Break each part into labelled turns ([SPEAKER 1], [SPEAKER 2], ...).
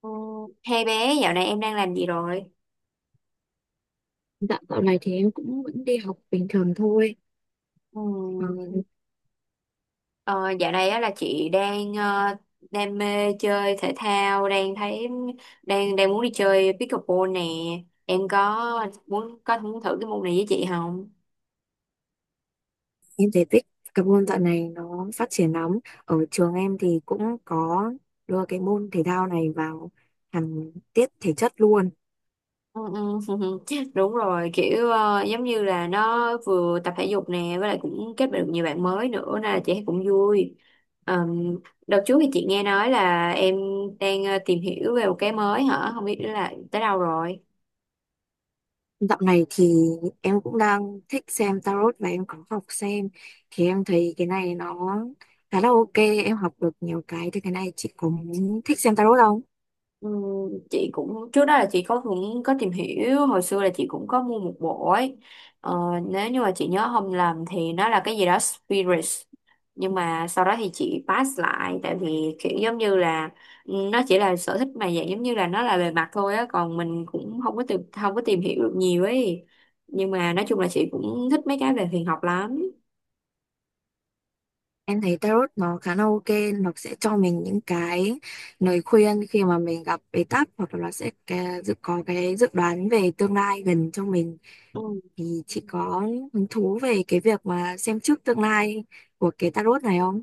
[SPEAKER 1] Ừ. Hai bé dạo này em đang làm gì rồi?
[SPEAKER 2] Dạ, dạo này thì em cũng vẫn đi học bình thường thôi.
[SPEAKER 1] Ừ.
[SPEAKER 2] Ờ,
[SPEAKER 1] Ờ, Dạo này á là chị đang đam mê chơi thể thao, đang thấy đang đang muốn đi chơi pickleball nè. Em có muốn thử cái môn này với chị không?
[SPEAKER 2] em thấy cái môn dạo này nó phát triển lắm. Ở trường em thì cũng có đưa cái môn thể thao này vào hẳn tiết thể chất luôn.
[SPEAKER 1] Ừ, ừ. Đúng rồi, kiểu giống như là nó vừa tập thể dục nè, với lại cũng kết bạn được nhiều bạn mới nữa nên là chị cũng vui. Ờm, Đợt trước thì chị nghe nói là em đang tìm hiểu về một cái mới hả? Không biết là tới đâu rồi?
[SPEAKER 2] Dạo này thì em cũng đang thích xem tarot và em có học xem. Thì em thấy cái này nó khá là ok, em học được nhiều cái. Thì cái này chị cũng thích xem tarot không?
[SPEAKER 1] Ừ, chị cũng trước đó là chị có cũng có tìm hiểu hồi xưa là chị cũng có mua một bộ ấy. ờ, Nếu như mà chị nhớ không lầm thì nó là cái gì đó Spirits, nhưng mà sau đó thì chị pass lại tại vì kiểu giống như là, ừ, nó chỉ là sở thích mà dạng giống như là nó là bề mặt thôi á, còn mình cũng không có tìm hiểu được nhiều ấy. Nhưng mà nói chung là chị cũng thích mấy cái về huyền học lắm.
[SPEAKER 2] Em thấy tarot nó khá là ok, nó sẽ cho mình những cái lời khuyên khi mà mình gặp bế tắc, hoặc là nó sẽ cái- dự có cái dự đoán về tương lai gần cho mình. Thì chị có hứng thú về cái việc mà xem trước tương lai của cái tarot này không?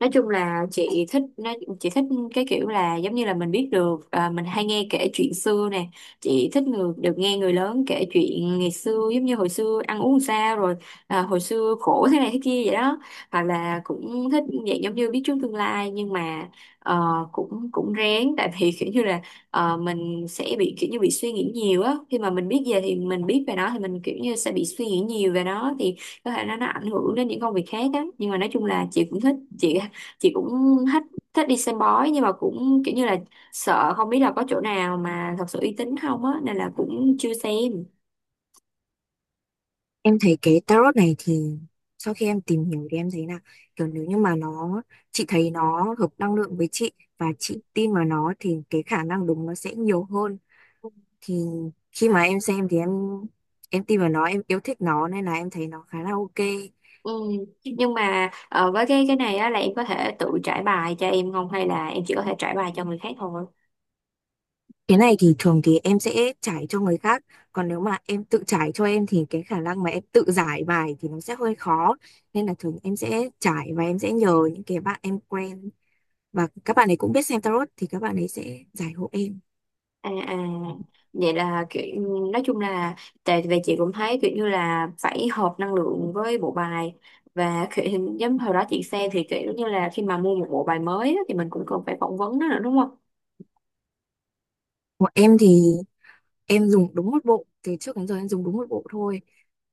[SPEAKER 1] Nói chung là chị thích nó, chị thích cái kiểu là giống như là mình biết được, à, mình hay nghe kể chuyện xưa nè, chị được nghe người lớn kể chuyện ngày xưa, giống như hồi xưa ăn uống sao rồi, à, hồi xưa khổ thế này thế kia vậy đó. Hoặc là cũng thích dạng giống như biết trước tương lai, nhưng mà ờ, cũng cũng rén, tại vì kiểu như là, mình sẽ bị kiểu như bị suy nghĩ nhiều á khi mà mình biết về thì mình biết về nó thì mình kiểu như sẽ bị suy nghĩ nhiều về nó, thì có thể nó ảnh hưởng đến những công việc khác á. Nhưng mà nói chung là chị cũng thích, chị cũng thích thích đi xem bói, nhưng mà cũng kiểu như là sợ không biết là có chỗ nào mà thật sự uy tín không á, nên là cũng chưa xem.
[SPEAKER 2] Em thấy cái tarot này thì sau khi em tìm hiểu thì em thấy là, kiểu nếu như mà chị thấy nó hợp năng lượng với chị và chị tin vào nó thì cái khả năng đúng nó sẽ nhiều hơn. Thì khi mà em xem thì em tin vào nó, em yêu thích nó nên là em thấy nó khá là ok.
[SPEAKER 1] Ừ. Nhưng mà với cái này á, là em có thể tự trải bài cho em không, hay là em chỉ có thể trải bài cho người khác thôi?
[SPEAKER 2] Cái này thì thường thì em sẽ trải cho người khác, còn nếu mà em tự trải cho em thì cái khả năng mà em tự giải bài thì nó sẽ hơi khó, nên là thường em sẽ trải và em sẽ nhờ những cái bạn em quen, và các bạn ấy cũng biết xem tarot thì các bạn ấy sẽ giải hộ em.
[SPEAKER 1] À à, vậy là kiểu, nói chung là, tại vì chị cũng thấy kiểu như là phải hợp năng lượng với bộ bài, và kiểu, giống hồi đó chị xem thì kiểu như là khi mà mua một bộ bài mới á, thì mình cũng cần phải phỏng vấn nó nữa đúng không?
[SPEAKER 2] Của em thì em dùng đúng một bộ, từ trước đến giờ em dùng đúng một bộ thôi.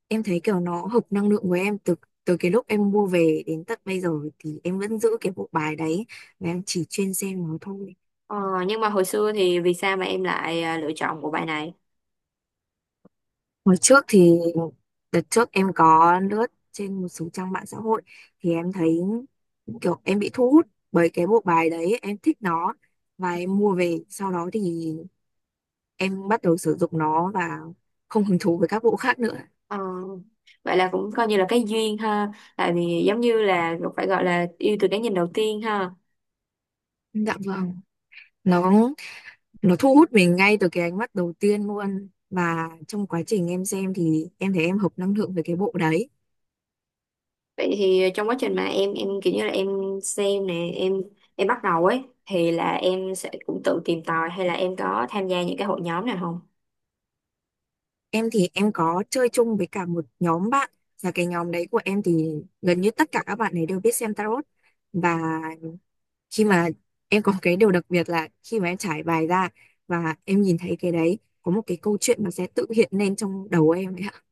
[SPEAKER 2] Em thấy kiểu nó hợp năng lượng của em từ từ cái lúc em mua về đến tận bây giờ, thì em vẫn giữ cái bộ bài đấy và em chỉ chuyên xem nó thôi.
[SPEAKER 1] Ờ, nhưng mà hồi xưa thì vì sao mà em lại, à, lựa chọn bộ bài này?
[SPEAKER 2] Hồi trước thì Đợt trước em có lướt trên một số trang mạng xã hội, thì em thấy kiểu em bị thu hút bởi cái bộ bài đấy, em thích nó và em mua về, sau đó thì em bắt đầu sử dụng nó và không hứng thú với các bộ khác nữa.
[SPEAKER 1] Ờ, Vậy là cũng coi như là cái duyên ha, tại vì giống như là phải gọi là yêu từ cái nhìn đầu tiên ha.
[SPEAKER 2] Dạ vâng, nó nó thu hút mình ngay từ cái ánh mắt đầu tiên luôn, và trong quá trình em xem thì em thấy em hợp năng lượng với cái bộ đấy.
[SPEAKER 1] Vậy thì trong quá trình mà em kiểu như là em xem nè, em bắt đầu ấy thì là em sẽ cũng tự tìm tòi, hay là em có tham gia những cái hội nhóm nào không?
[SPEAKER 2] Em thì em có chơi chung với cả một nhóm bạn, và cái nhóm đấy của em thì gần như tất cả các bạn ấy đều biết xem tarot. Và khi mà em có cái điều đặc biệt là khi mà em trải bài ra và em nhìn thấy cái đấy, có một cái câu chuyện nó sẽ tự hiện lên trong đầu em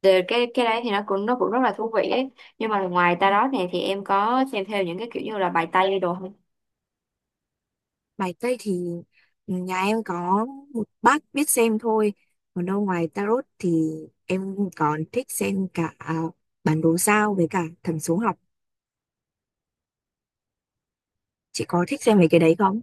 [SPEAKER 1] Từ cái đấy thì nó cũng rất là thú vị ấy. Nhưng mà ngoài ta đó nè thì em có xem theo những cái kiểu như là bài Tây đồ không?
[SPEAKER 2] Bài Tây thì nhà em có một bác biết xem thôi. Còn đâu, ngoài tarot thì em còn thích xem cả bản đồ sao với cả thần số học. Chị có thích xem mấy cái đấy không?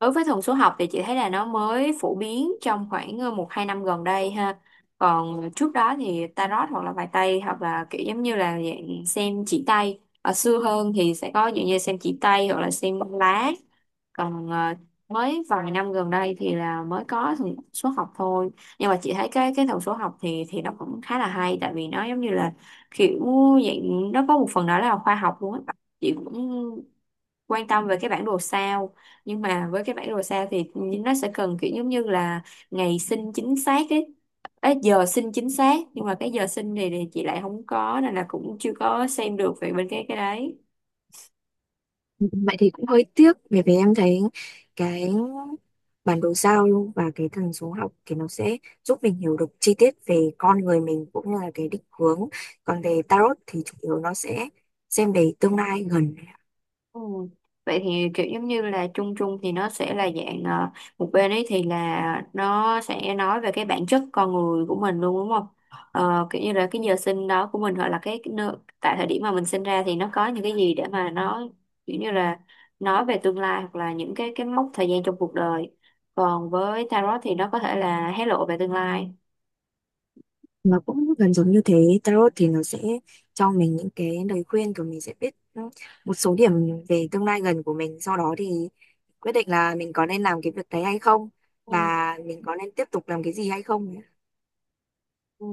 [SPEAKER 1] Đối với thần số học thì chị thấy là nó mới phổ biến trong khoảng một hai năm gần đây ha. Còn trước đó thì tarot, hoặc là bài tây, hoặc là kiểu giống như là dạng xem chỉ tay, ở xưa hơn thì sẽ có dạng như xem chỉ tay hoặc là xem bóng lá. Còn mới vài năm gần đây thì là mới có thần số học thôi. Nhưng mà chị thấy cái thần số học thì nó cũng khá là hay, tại vì nó giống như là kiểu dạng nó có một phần đó là khoa học luôn á. Chị cũng quan tâm về cái bản đồ sao, nhưng mà với cái bản đồ sao thì nó sẽ cần kiểu giống như là ngày sinh chính xác ấy. Ê, giờ sinh chính xác, nhưng mà cái giờ sinh thì chị lại không có, nên là cũng chưa có xem được về bên cái đấy.
[SPEAKER 2] Vậy thì cũng hơi tiếc, bởi vì em thấy cái bản đồ sao và cái thần số học thì nó sẽ giúp mình hiểu được chi tiết về con người mình, cũng như là cái định hướng. Còn về tarot thì chủ yếu nó sẽ xem về tương lai gần.
[SPEAKER 1] Ừ. Vậy thì kiểu giống như là chung chung thì nó sẽ là dạng, một bên ấy thì là nó sẽ nói về cái bản chất con người của mình luôn đúng không? Ờ, kiểu như là cái giờ sinh đó của mình, hoặc là cái nơi, tại thời điểm mà mình sinh ra thì nó có những cái gì để mà nó kiểu như là nói về tương lai, hoặc là những cái mốc thời gian trong cuộc đời. Còn với tarot thì nó có thể là hé lộ về tương lai.
[SPEAKER 2] Nó cũng gần giống như thế. Tarot thì nó sẽ cho mình những cái lời khuyên, rồi mình sẽ biết ừ, một số điểm về tương lai gần của mình, sau đó thì quyết định là mình có nên làm cái việc đấy hay không, và mình có nên tiếp tục làm cái gì hay không.
[SPEAKER 1] Ừ.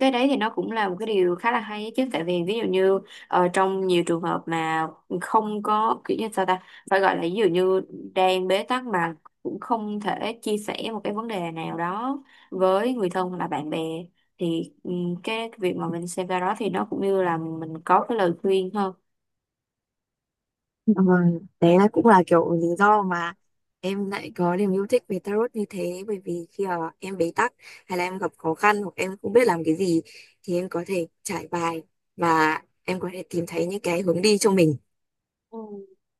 [SPEAKER 1] Cái đấy thì nó cũng là một cái điều khá là hay ấy chứ, tại vì ví dụ như, trong nhiều trường hợp mà không có kiểu như sao ta, phải gọi là ví dụ như đang bế tắc mà cũng không thể chia sẻ một cái vấn đề nào đó với người thân hoặc là bạn bè, thì ừ, cái việc mà mình xem ra đó thì nó cũng như là mình có cái lời khuyên hơn.
[SPEAKER 2] Ừ, đấy là cũng là kiểu lý do mà em lại có niềm yêu thích về tarot như thế, bởi vì khi mà em bế tắc hay là em gặp khó khăn hoặc em không biết làm cái gì, thì em có thể trải bài và em có thể tìm thấy những cái hướng đi cho mình.
[SPEAKER 1] Ừ.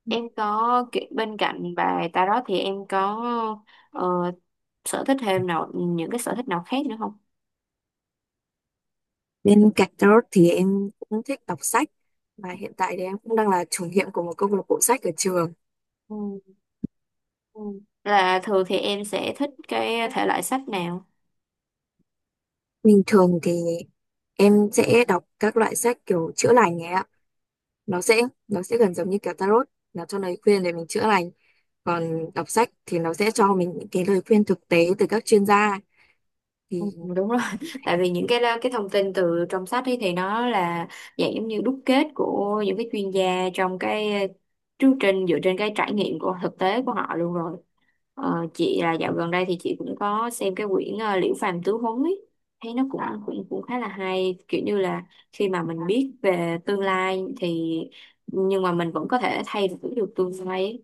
[SPEAKER 1] Em có kiểu- bên cạnh bài tarot thì em có ờ, sở thích thêm nào, những cái sở thích nào khác nữa
[SPEAKER 2] Bên cạnh đó thì em cũng thích đọc sách, và hiện tại thì em cũng đang là chủ nhiệm của một câu lạc bộ sách ở trường.
[SPEAKER 1] không? Ừ. Là thường thì em sẽ thích cái thể loại sách nào?
[SPEAKER 2] Bình thường thì em sẽ đọc các loại sách kiểu chữa lành ấy ạ. Nó sẽ nó sẽ gần giống như kiểu tarot, nó cho lời khuyên để mình chữa lành. Còn đọc sách thì nó sẽ cho mình những cái lời khuyên thực tế từ các chuyên gia.
[SPEAKER 1] Ừ,
[SPEAKER 2] Thì
[SPEAKER 1] đúng rồi. Tại vì những cái thông tin từ trong sách ấy thì nó là dạng giống như đúc kết của những cái chuyên gia trong cái chương trình, dựa trên cái trải nghiệm của thực tế của họ luôn rồi. Chị là dạo gần đây thì chị cũng có xem cái quyển, Liễu Phàm Tứ Huấn ấy, thấy nó cũng cũng cũng khá là hay, kiểu như là khi mà mình biết về tương lai thì nhưng mà mình vẫn có thể thay đổi được tương lai ấy.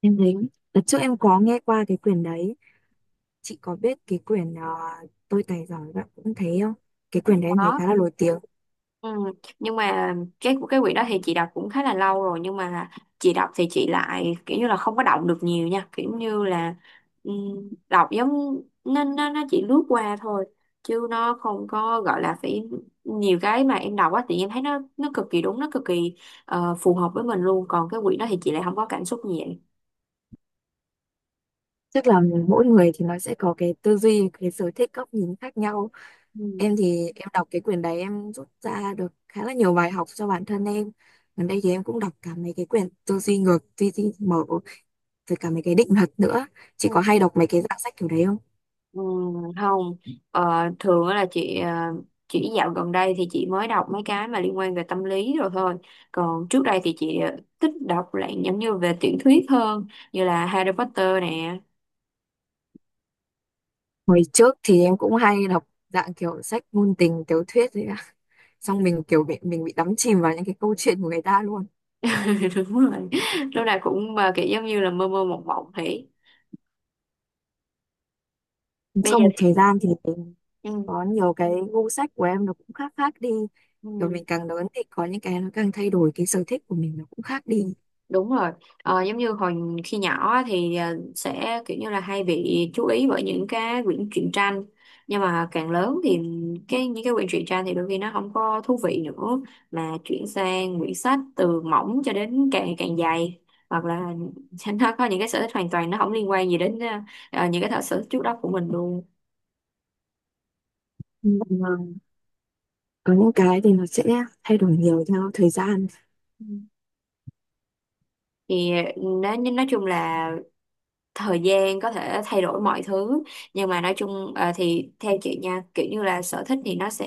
[SPEAKER 2] em thấy, đợt trước em có nghe qua cái quyển đấy. Chị có biết cái quyển Tôi tài giỏi bạn cũng thấy không? Cái quyển đấy em thấy
[SPEAKER 1] Đó.
[SPEAKER 2] khá là nổi tiếng.
[SPEAKER 1] Ừ. Nhưng mà cái quyển đó thì chị đọc cũng khá là lâu rồi, nhưng mà chị đọc thì chị lại kiểu như là không có động được nhiều nha, kiểu như là đọc giống nó chỉ lướt qua thôi, chứ nó không có gọi là phải. Nhiều cái mà em đọc á thì em thấy nó cực kỳ đúng, nó cực kỳ phù hợp với mình luôn. Còn cái quyển đó thì chị lại không có cảm xúc gì vậy.
[SPEAKER 2] Tức là mỗi người thì nó sẽ có cái tư duy, cái sở thích, góc nhìn khác nhau. Em thì em đọc cái quyển đấy em rút ra được khá là nhiều bài học cho bản thân em. Gần đây thì em cũng đọc cả mấy cái quyển tư duy ngược, tư duy mở, rồi cả mấy cái định luật nữa. Chị
[SPEAKER 1] Ừ.
[SPEAKER 2] có hay đọc mấy cái dạng sách kiểu đấy không?
[SPEAKER 1] Ừ, không. Ờ, Thường á là chị, chỉ dạo gần đây thì chị mới đọc mấy cái mà liên quan về tâm lý rồi thôi. Còn trước đây thì chị thích đọc lại giống như về tiểu thuyết hơn, như là Harry Potter nè.
[SPEAKER 2] Hồi trước thì em cũng hay đọc dạng kiểu sách ngôn tình, tiểu thuyết đấy ạ. Xong mình kiểu bị đắm chìm vào những cái câu chuyện của người ta luôn.
[SPEAKER 1] Đúng rồi, lúc nào cũng mà kiểu giống như là mơ mơ mộng mộng thế. Bây
[SPEAKER 2] Sau
[SPEAKER 1] giờ
[SPEAKER 2] một
[SPEAKER 1] thì
[SPEAKER 2] thời gian thì
[SPEAKER 1] ừ,
[SPEAKER 2] có nhiều cái gu sách của em nó cũng khác khác đi, kiểu mình
[SPEAKER 1] ừ.
[SPEAKER 2] càng lớn thì có những cái nó càng thay đổi, cái sở thích của mình nó cũng khác đi.
[SPEAKER 1] Ừ, đúng rồi, giống như hồi khi nhỏ á thì sẽ kiểu như là hay bị chú ý bởi những cái quyển truyện tranh. Nhưng mà càng lớn thì cái những cái quyển truyện tranh thì đôi khi nó không có thú vị nữa, mà chuyển sang quyển sách từ mỏng cho đến càng càng dày. Hoặc là nó có những cái sở thích hoàn toàn nó không liên quan gì đến những cái sở thích trước đó của mình luôn.
[SPEAKER 2] Ừ. Còn, có những cái thì nó sẽ thay đổi nhiều theo thời gian.
[SPEAKER 1] Ừ. Thì nói chung là thời gian có thể thay đổi mọi thứ. Nhưng mà nói chung thì theo chị nha, kiểu như là sở thích thì nó sẽ,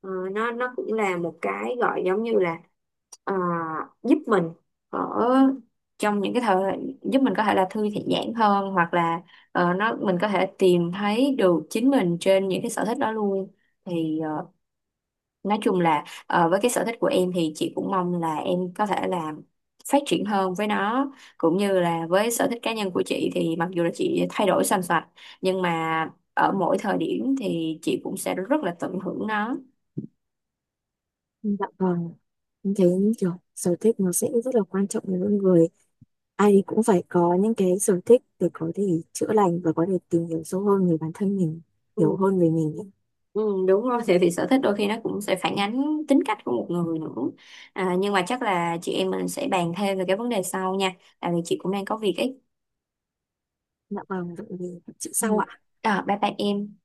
[SPEAKER 1] nó cũng là một cái gọi giống như là, ờ, giúp mình ở trong những cái thời giúp mình có thể là thư giãn hơn, hoặc là nó mình có thể tìm thấy được chính mình trên những cái sở thích đó luôn. Thì nói chung là, với cái sở thích của em thì chị cũng mong là em có thể là phát triển hơn với nó, cũng như là với sở thích cá nhân của chị thì mặc dù là chị thay đổi xoành xoạch, nhưng mà ở mỗi thời điểm thì chị cũng sẽ rất là tận hưởng nó.
[SPEAKER 2] Dạ vâng, em thấy kiểu sở thích nó sẽ rất là quan trọng với mỗi người, ai cũng phải có những cái sở thích để có thể chữa lành và có thể tìm hiểu sâu hơn về bản thân mình, hiểu
[SPEAKER 1] Ừ,
[SPEAKER 2] hơn về mình ấy.
[SPEAKER 1] ừ, đúng rồi, thì sở thích đôi khi nó cũng sẽ phản ánh tính cách của một người nữa. À, nhưng mà chắc là chị em mình sẽ bàn thêm về cái vấn đề sau nha, tại vì chị cũng đang có việc ấy.
[SPEAKER 2] Dạ vâng, vậy thì chị
[SPEAKER 1] Ừ.
[SPEAKER 2] sau ạ.
[SPEAKER 1] À, bye bye em.